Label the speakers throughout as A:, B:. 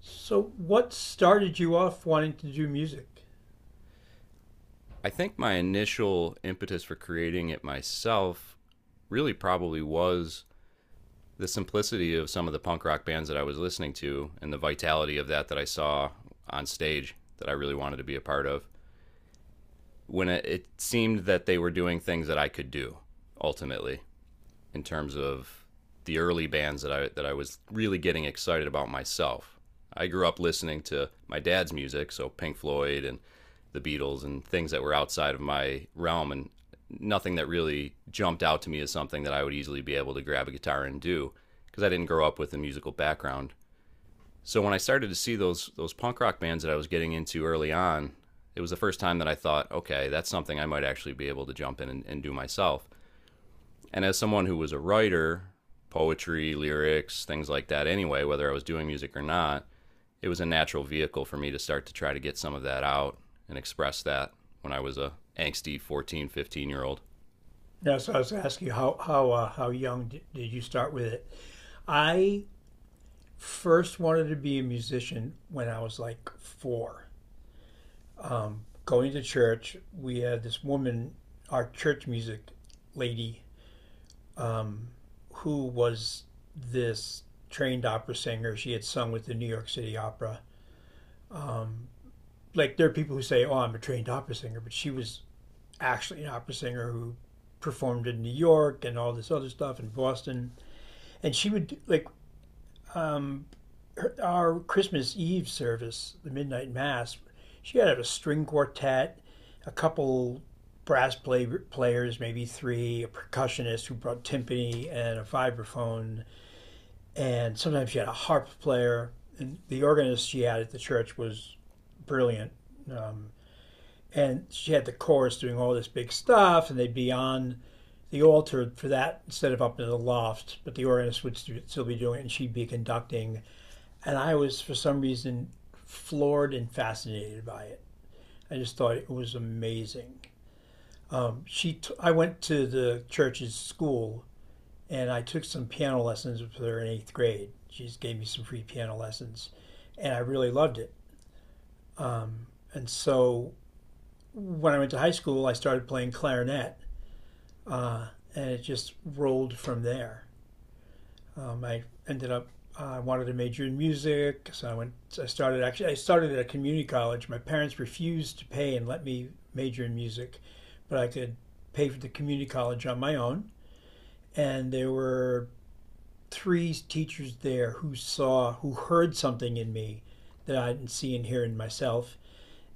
A: So, what started you off wanting to do music?
B: I think my initial impetus for creating it myself really probably was the simplicity of some of the punk rock bands that I was listening to and the vitality of that I saw on stage that I really wanted to be a part of. It seemed that they were doing things that I could do ultimately in terms of the early bands that I was really getting excited about myself. I grew up listening to my dad's music, so Pink Floyd and the Beatles and things that were outside of my realm and nothing that really jumped out to me as something that I would easily be able to grab a guitar and do because I didn't grow up with a musical background. So when I started to see those punk rock bands that I was getting into early on, it was the first time that I thought, okay, that's something I might actually be able to jump in and, do myself. And as someone who was a writer, poetry, lyrics, things like that anyway, whether I was doing music or not, it was a natural vehicle for me to start to try to get some of that out and express that when I was a angsty 14, 15 year old.
A: Yeah, so I was asking you how young did you start with it? I first wanted to be a musician when I was like four. Going to church, we had this woman, our church music lady, um, who was this trained opera singer. She had sung with the New York City Opera. Um, like there are people who say, "Oh, I'm a trained opera singer," but she was actually an opera singer who performed in New York and all this other stuff in Boston. And she would um, her, our Christmas Eve service, the midnight mass. She had a string quartet, a couple brass players, maybe three, a percussionist who brought timpani and a vibraphone, and sometimes she had a harp player. And the organist she had at the church was brilliant. Um, and she had the chorus doing all this big stuff, and they'd be on the altar for that instead of up in the loft, but the organist would still be doing it and she'd be conducting. And I was, for some reason, floored and fascinated by it. I just thought it was amazing. I went to the church's school and I took some piano lessons with her in eighth grade. She just gave me some free piano lessons, and I really loved it. Um, and so when I went to high school, I started playing clarinet, uh, and it just rolled from there. I ended up I wanted to major in music, so I went. So I started actually. I started at a community college. My parents refused to pay and let me major in music, but I could pay for the community college on my own. And there were three teachers there who who heard something in me that I didn't see and hear in myself,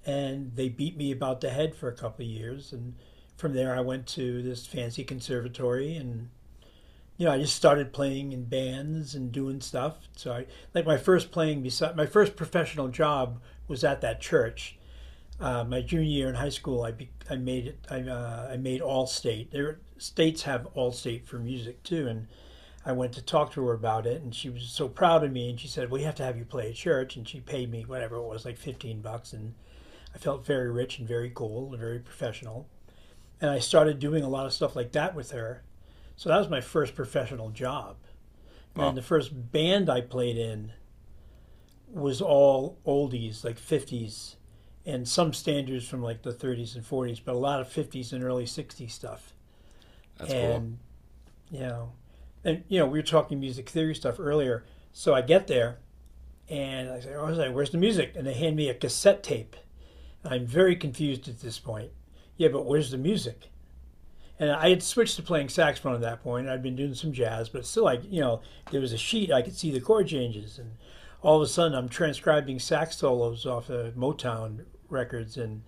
A: and they beat me about the head for a couple of years. And from there, I went to this fancy conservatory and you know, I just started playing in bands and doing stuff. So I like my first playing beside my first professional job was at that church. My junior year in high school, I be, I made it. I made Allstate. There states have Allstate for music too, and I went to talk to her about it, and she was so proud of me, and she said, "We have to have you play at church," and she paid me whatever it was, like $15, and I felt very rich and very cool and very professional. And I started doing a lot of stuff like that with her. So that was my first professional job. And then
B: Wow,
A: the first band I played in was all oldies, like 50s, and some standards from like the 30s and 40s, but a lot of 50s and early 60s stuff.
B: that's cool.
A: And, you know, and you know, we were talking music theory stuff earlier. So I get there and I say, oh, I was like, where's the music? And they hand me a cassette tape. I'm very confused at this point. Yeah, but where's the music? And I had switched to playing saxophone at that point. I'd been doing some jazz, but still, like, you know, there was a sheet, I could see the chord changes. And all of a sudden, I'm transcribing sax solos off of Motown records. And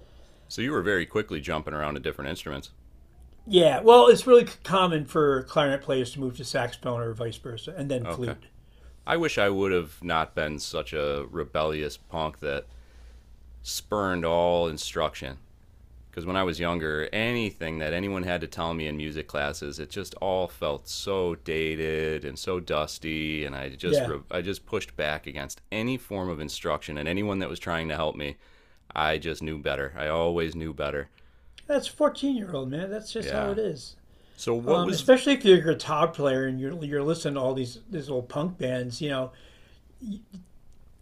B: So you were very quickly jumping around to different instruments.
A: yeah, well, it's really common for clarinet players to move to saxophone or vice versa, and then
B: Okay.
A: flute.
B: I wish I would have not been such a rebellious punk that spurned all instruction. Because when I was younger, anything that anyone had to tell me in music classes, it just all felt so dated and so dusty, and I just
A: Yeah.
B: I just pushed back against any form of instruction and anyone that was trying to help me. I just knew better. I always knew better.
A: That's 14-year-old, man. That's just how
B: Yeah.
A: it is.
B: So what was.
A: Especially if you're a guitar player and you're listening to all these old punk bands, you know,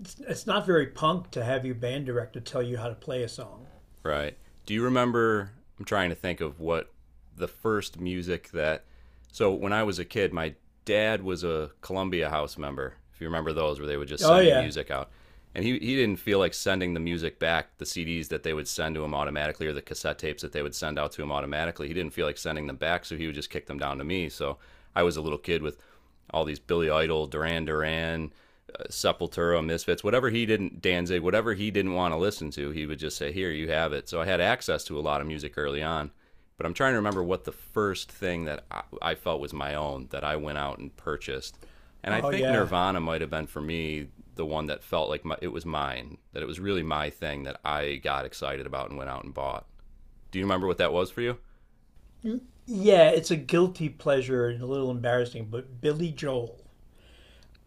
A: it's not very punk to have your band director tell you how to play a song.
B: Right. Do you remember? I'm trying to think of what the first music that. So when I was a kid, my dad was a Columbia House member. If you remember those, where they would just
A: Oh
B: send you
A: yeah.
B: music out, and he didn't feel like sending the music back, the CDs that they would send to him automatically, or the cassette tapes that they would send out to him automatically. He didn't feel like sending them back, so he would just kick them down to me. So I was a little kid with all these Billy Idol, Duran Duran, Sepultura, Misfits, whatever he didn't Danzig, whatever he didn't want to listen to, he would just say, "Here, you have it." So I had access to a lot of music early on, but I'm trying to remember what the first thing that I felt was my own that I went out and purchased, and I
A: Oh
B: think
A: yeah,
B: Nirvana might have been for me the one that felt like my, it was mine, that it was really my thing that I got excited about and went out and bought. Do you remember what that was for you?
A: yeah. It's a guilty pleasure and a little embarrassing, but Billy Joel,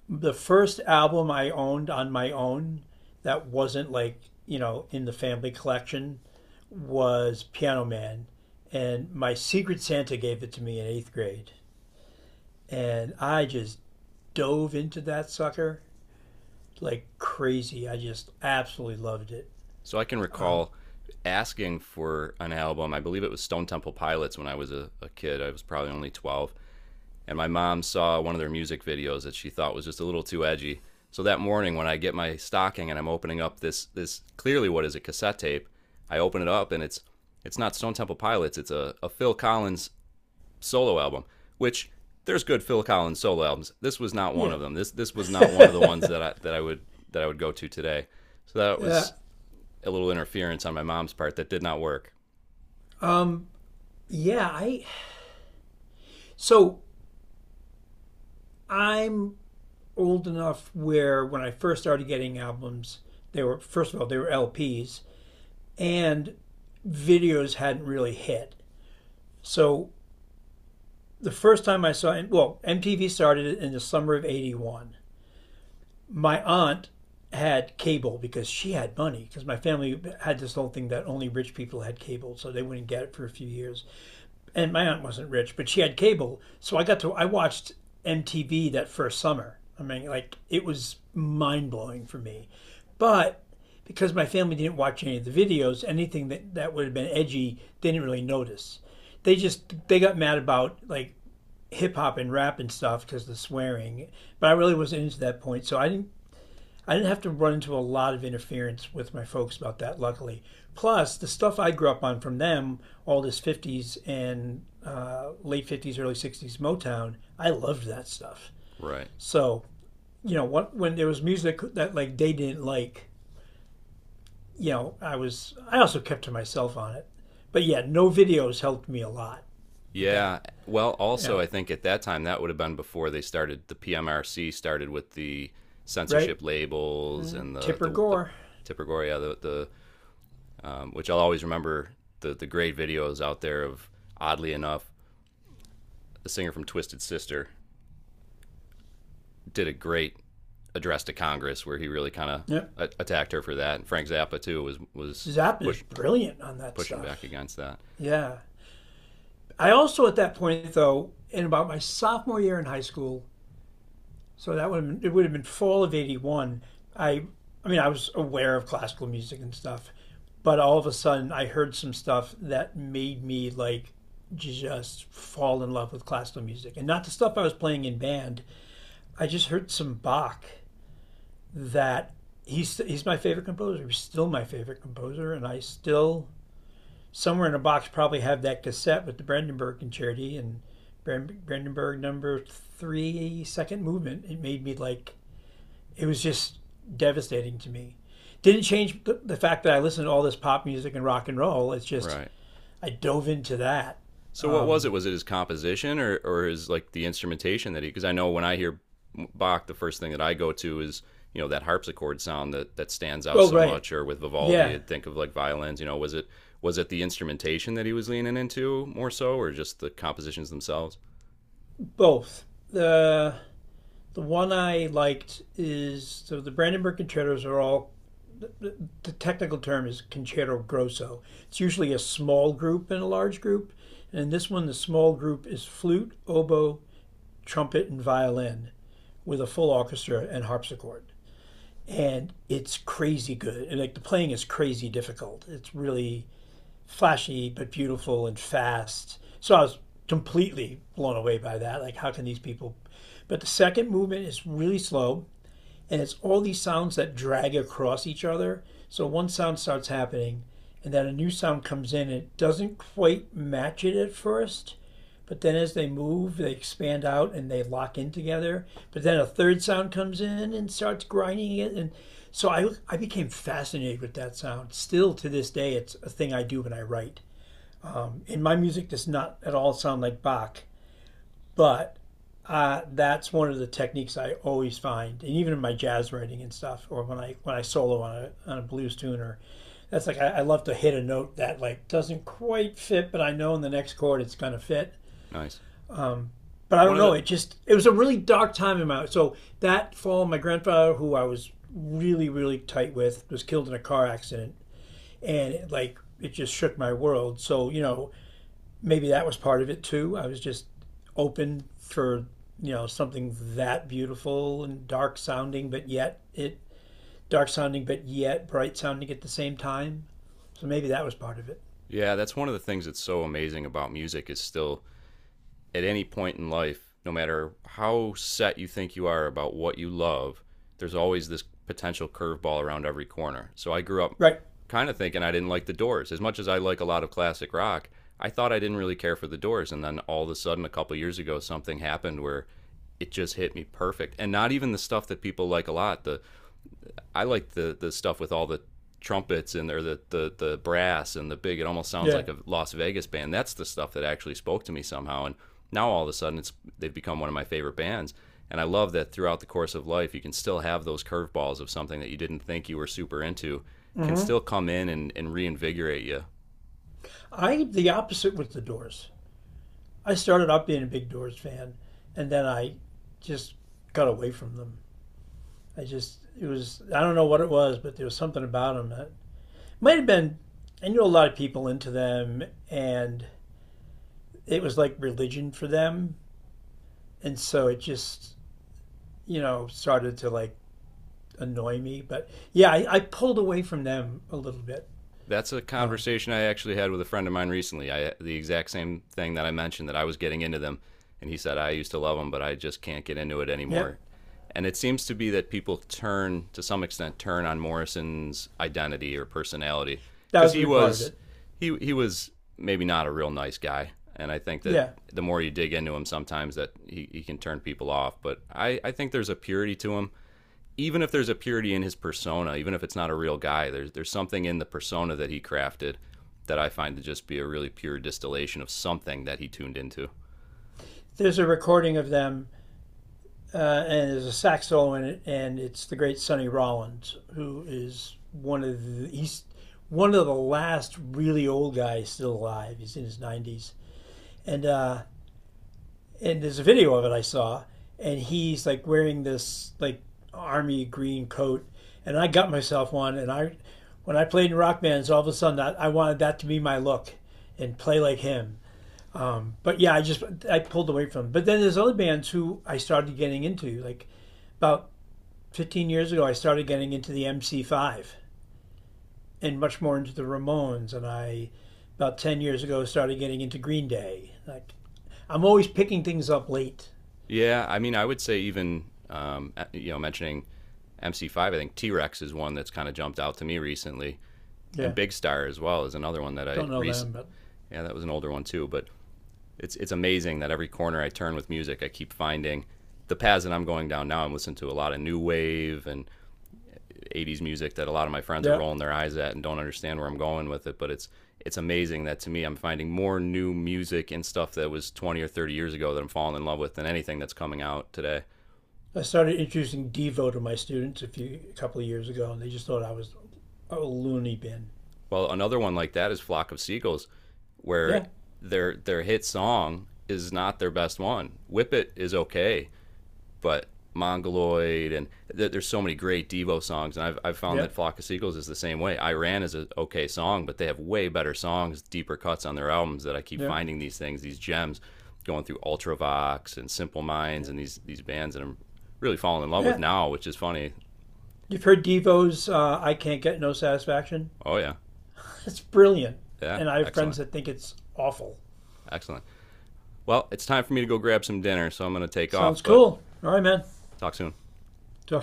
A: the first album I owned on my own that wasn't like you know in the family collection was Piano Man, and my Secret Santa gave it to me in eighth grade, and I just dove into that sucker like crazy. I just absolutely loved it.
B: So I can recall asking for an album. I believe it was Stone Temple Pilots when I was a kid. I was probably only 12 and my mom saw one of their music videos that she thought was just a little too edgy. So that morning when I get my stocking and I'm opening up this clearly what is a cassette tape, I open it up and it's not Stone Temple Pilots, it's a Phil Collins solo album, which there's good Phil Collins solo albums. This was not one
A: Yeah.
B: of them. This was not one of the ones that I would that I would go to today. So that
A: Uh,
B: was a little interference on my mom's part that did not work.
A: um. Yeah. I. So I'm old enough where when I first started getting albums, they were first of all they were LPs and videos hadn't really hit. So the first time I saw well MTV started in the summer of 81. My aunt had cable because she had money because my family had this whole thing that only rich people had cable so they wouldn't get it for a few years and my aunt wasn't rich, but she had cable, so I got to I watched MTV that first summer. I mean, like it was mind blowing for me, but because my family didn't watch any of the videos, anything that would have been edgy, they didn't really notice. They just they got mad about like hip hop and rap and stuff because of the swearing, but I really wasn't into that point, so I didn't have to run into a lot of interference with my folks about that, luckily. Plus, the stuff I grew up on from them, all this 50s and late 50s, early 60s Motown, I loved that stuff.
B: Right.
A: So, you know, what, when there was music that like they didn't like, you know, I also kept to myself on it. But yeah, no videos helped me a lot with that.
B: Yeah. Well,
A: Yeah,
B: also, I think at that time, that would have been before they started, the PMRC started with the
A: right?
B: censorship labels
A: Mm-hmm.
B: and the,
A: Tipper
B: the, the
A: Gore.
B: Tipigoria, which I'll always remember the great videos out there of, oddly enough, the singer from Twisted Sister did a great address to Congress where he really kind of
A: Yep.
B: attacked her for that. And Frank Zappa too was
A: Zap is
B: push,
A: brilliant on that
B: pushing
A: stuff.
B: back against that.
A: Yeah. I also, at that point, though, in about my sophomore year in high school, so that would have been, it would have been fall of '81. I, I mean, I was aware of classical music and stuff, but all of a sudden, I heard some stuff that made me like just fall in love with classical music, and not the stuff I was playing in band. I just heard some Bach that he's my favorite composer. He's still my favorite composer, and I still somewhere in a box probably have that cassette with the Brandenburg Concerti and Brandenburg number three, second movement. It made me like, it was just devastating to me. Didn't change the fact that I listened to all this pop music and rock and roll. It's just,
B: Right.
A: I dove into that.
B: So what was
A: Um,
B: it? Was it his composition or his like the instrumentation that he? Because I know when I hear Bach, the first thing that I go to is you know that harpsichord sound that stands out
A: oh,
B: so
A: right.
B: much. Or with Vivaldi,
A: Yeah,
B: I'd think of like violins. You know, was it the instrumentation that he was leaning into more so, or just the compositions themselves?
A: both. The one I liked is so the Brandenburg Concertos are all the technical term is concerto grosso. It's usually a small group and a large group. And in this one, the small group is flute, oboe, trumpet, and violin with a full orchestra and harpsichord. And it's crazy good. And like the playing is crazy difficult. It's really flashy but beautiful and fast. So I was completely blown away by that. Like, how can these people? But the second movement is really slow and it's all these sounds that drag across each other. So one sound starts happening, and then a new sound comes in. And it doesn't quite match it at first, but then as they move, they expand out and they lock in together. But then a third sound comes in and starts grinding it, and so I became fascinated with that sound. Still to this day, it's a thing I do when I write. And my music does not at all sound like Bach, but that's one of the techniques I always find, and even in my jazz writing and stuff, or when I solo on a blues tune, or that's like I love to hit a note that like doesn't quite fit, but I know in the next chord it's gonna fit.
B: Nice.
A: But I
B: One
A: don't
B: of
A: know.
B: the
A: It just it was a really dark time in my life. So that fall, my grandfather, who I was really tight with, was killed in a car accident, and it just shook my world. So you know, maybe that was part of it too. I was just open for you know something that beautiful and dark sounding, but yet bright sounding at the same time. So maybe that was part of it.
B: yeah, that's one of the things that's so amazing about music is still at any point in life, no matter how set you think you are about what you love, there's always this potential curveball around every corner. So I grew up
A: Right?
B: kind of thinking I didn't like the Doors. As much as I like a lot of classic rock, I thought I didn't really care for the Doors. And then all of a sudden, a couple years ago, something happened where it just hit me perfect. And not even the stuff that people like a lot, the I like the stuff with all the trumpets and or the brass and the big it almost sounds
A: Yeah.
B: like a Las Vegas band. That's the stuff that actually spoke to me somehow and now all of a sudden it's they've become one of my favorite bands. And I love that throughout the course of life you can still have those curveballs of something that you didn't think you were super into
A: mm
B: can
A: hmm
B: still come in and, reinvigorate you.
A: I the opposite with the Doors. I started out being a big Doors fan, and then I just got away from them. I just it was I don't know what it was, but there was something about them that might have been. I knew a lot of people into them, and it was like religion for them. And so it just, you know, started to like annoy me. But yeah, I pulled away from them a little bit.
B: That's a
A: Um,
B: conversation I actually had with a friend of mine recently. I the exact same thing that I mentioned that I was getting into them, and he said I used to love them, but I just can't get into it
A: yep.
B: anymore. And it seems to be that people turn to some extent turn on Morrison's identity or personality
A: That
B: because
A: was a
B: he
A: big part of
B: was
A: it.
B: he was maybe not a real nice guy, and I think that
A: Yeah.
B: the more you dig into him, sometimes that he can turn people off. But I think there's a purity to him even if there's a purity in his persona, even if it's not a real guy, there's something in the persona that he crafted that I find to just be a really pure distillation of something that he tuned into.
A: There's a recording of them, and there's a sax solo in it, and it's the great Sonny Rollins, who is one of the, he's one of the last really old guys still alive. He's in his 90s. And uh, and there's a video of it I saw, and he's like wearing this like army green coat, and I got myself one, and I, when I played in rock bands, all of a sudden that I wanted that to be my look, and play like him. But yeah, I just I pulled away from him. But then there's other bands who I started getting into, like about 15 years ago, I started getting into the MC5 and much more into the Ramones, and I about 10 years ago started getting into Green Day. Like I'm always picking things up late.
B: Yeah, I mean, I would say even you know mentioning MC5, I think T Rex is one that's kind of jumped out to me recently, and
A: Yeah.
B: Big Star as well is another one that I
A: Don't know
B: recent.
A: them, but
B: Yeah, that was an older one too, but it's amazing that every corner I turn with music, I keep finding the paths that I'm going down now. I'm listening to a lot of new wave and 80s music that a lot of my friends are
A: yeah.
B: rolling their eyes at and don't understand where I'm going with it. But it's amazing that to me I'm finding more new music and stuff that was 20 or 30 years ago that I'm falling in love with than anything that's coming out today.
A: I started introducing Devo to my students a couple of years ago, and they just thought I was a loony bin.
B: Well, another one like that is Flock of Seagulls, where
A: Yeah,
B: their hit song is not their best one. Whip It is okay, but Mongoloid and there's so many great Devo songs, and I've found
A: yeah,
B: that Flock of Seagulls is the same way. Iran is an okay song, but they have way better songs, deeper cuts on their albums that I keep
A: yeah,
B: finding these things, these gems, going through Ultravox and Simple
A: yeah,
B: Minds and these bands that I'm really falling in love with
A: yeah.
B: now, which is funny.
A: You've heard Devo's "I Can't Get No Satisfaction."
B: Oh yeah,
A: It's brilliant,
B: yeah,
A: and I have friends
B: excellent,
A: that think it's awful.
B: excellent. Well, it's time for me to go grab some dinner, so I'm gonna take
A: Sounds
B: off, but
A: cool. All right, man.
B: talk soon.
A: Talk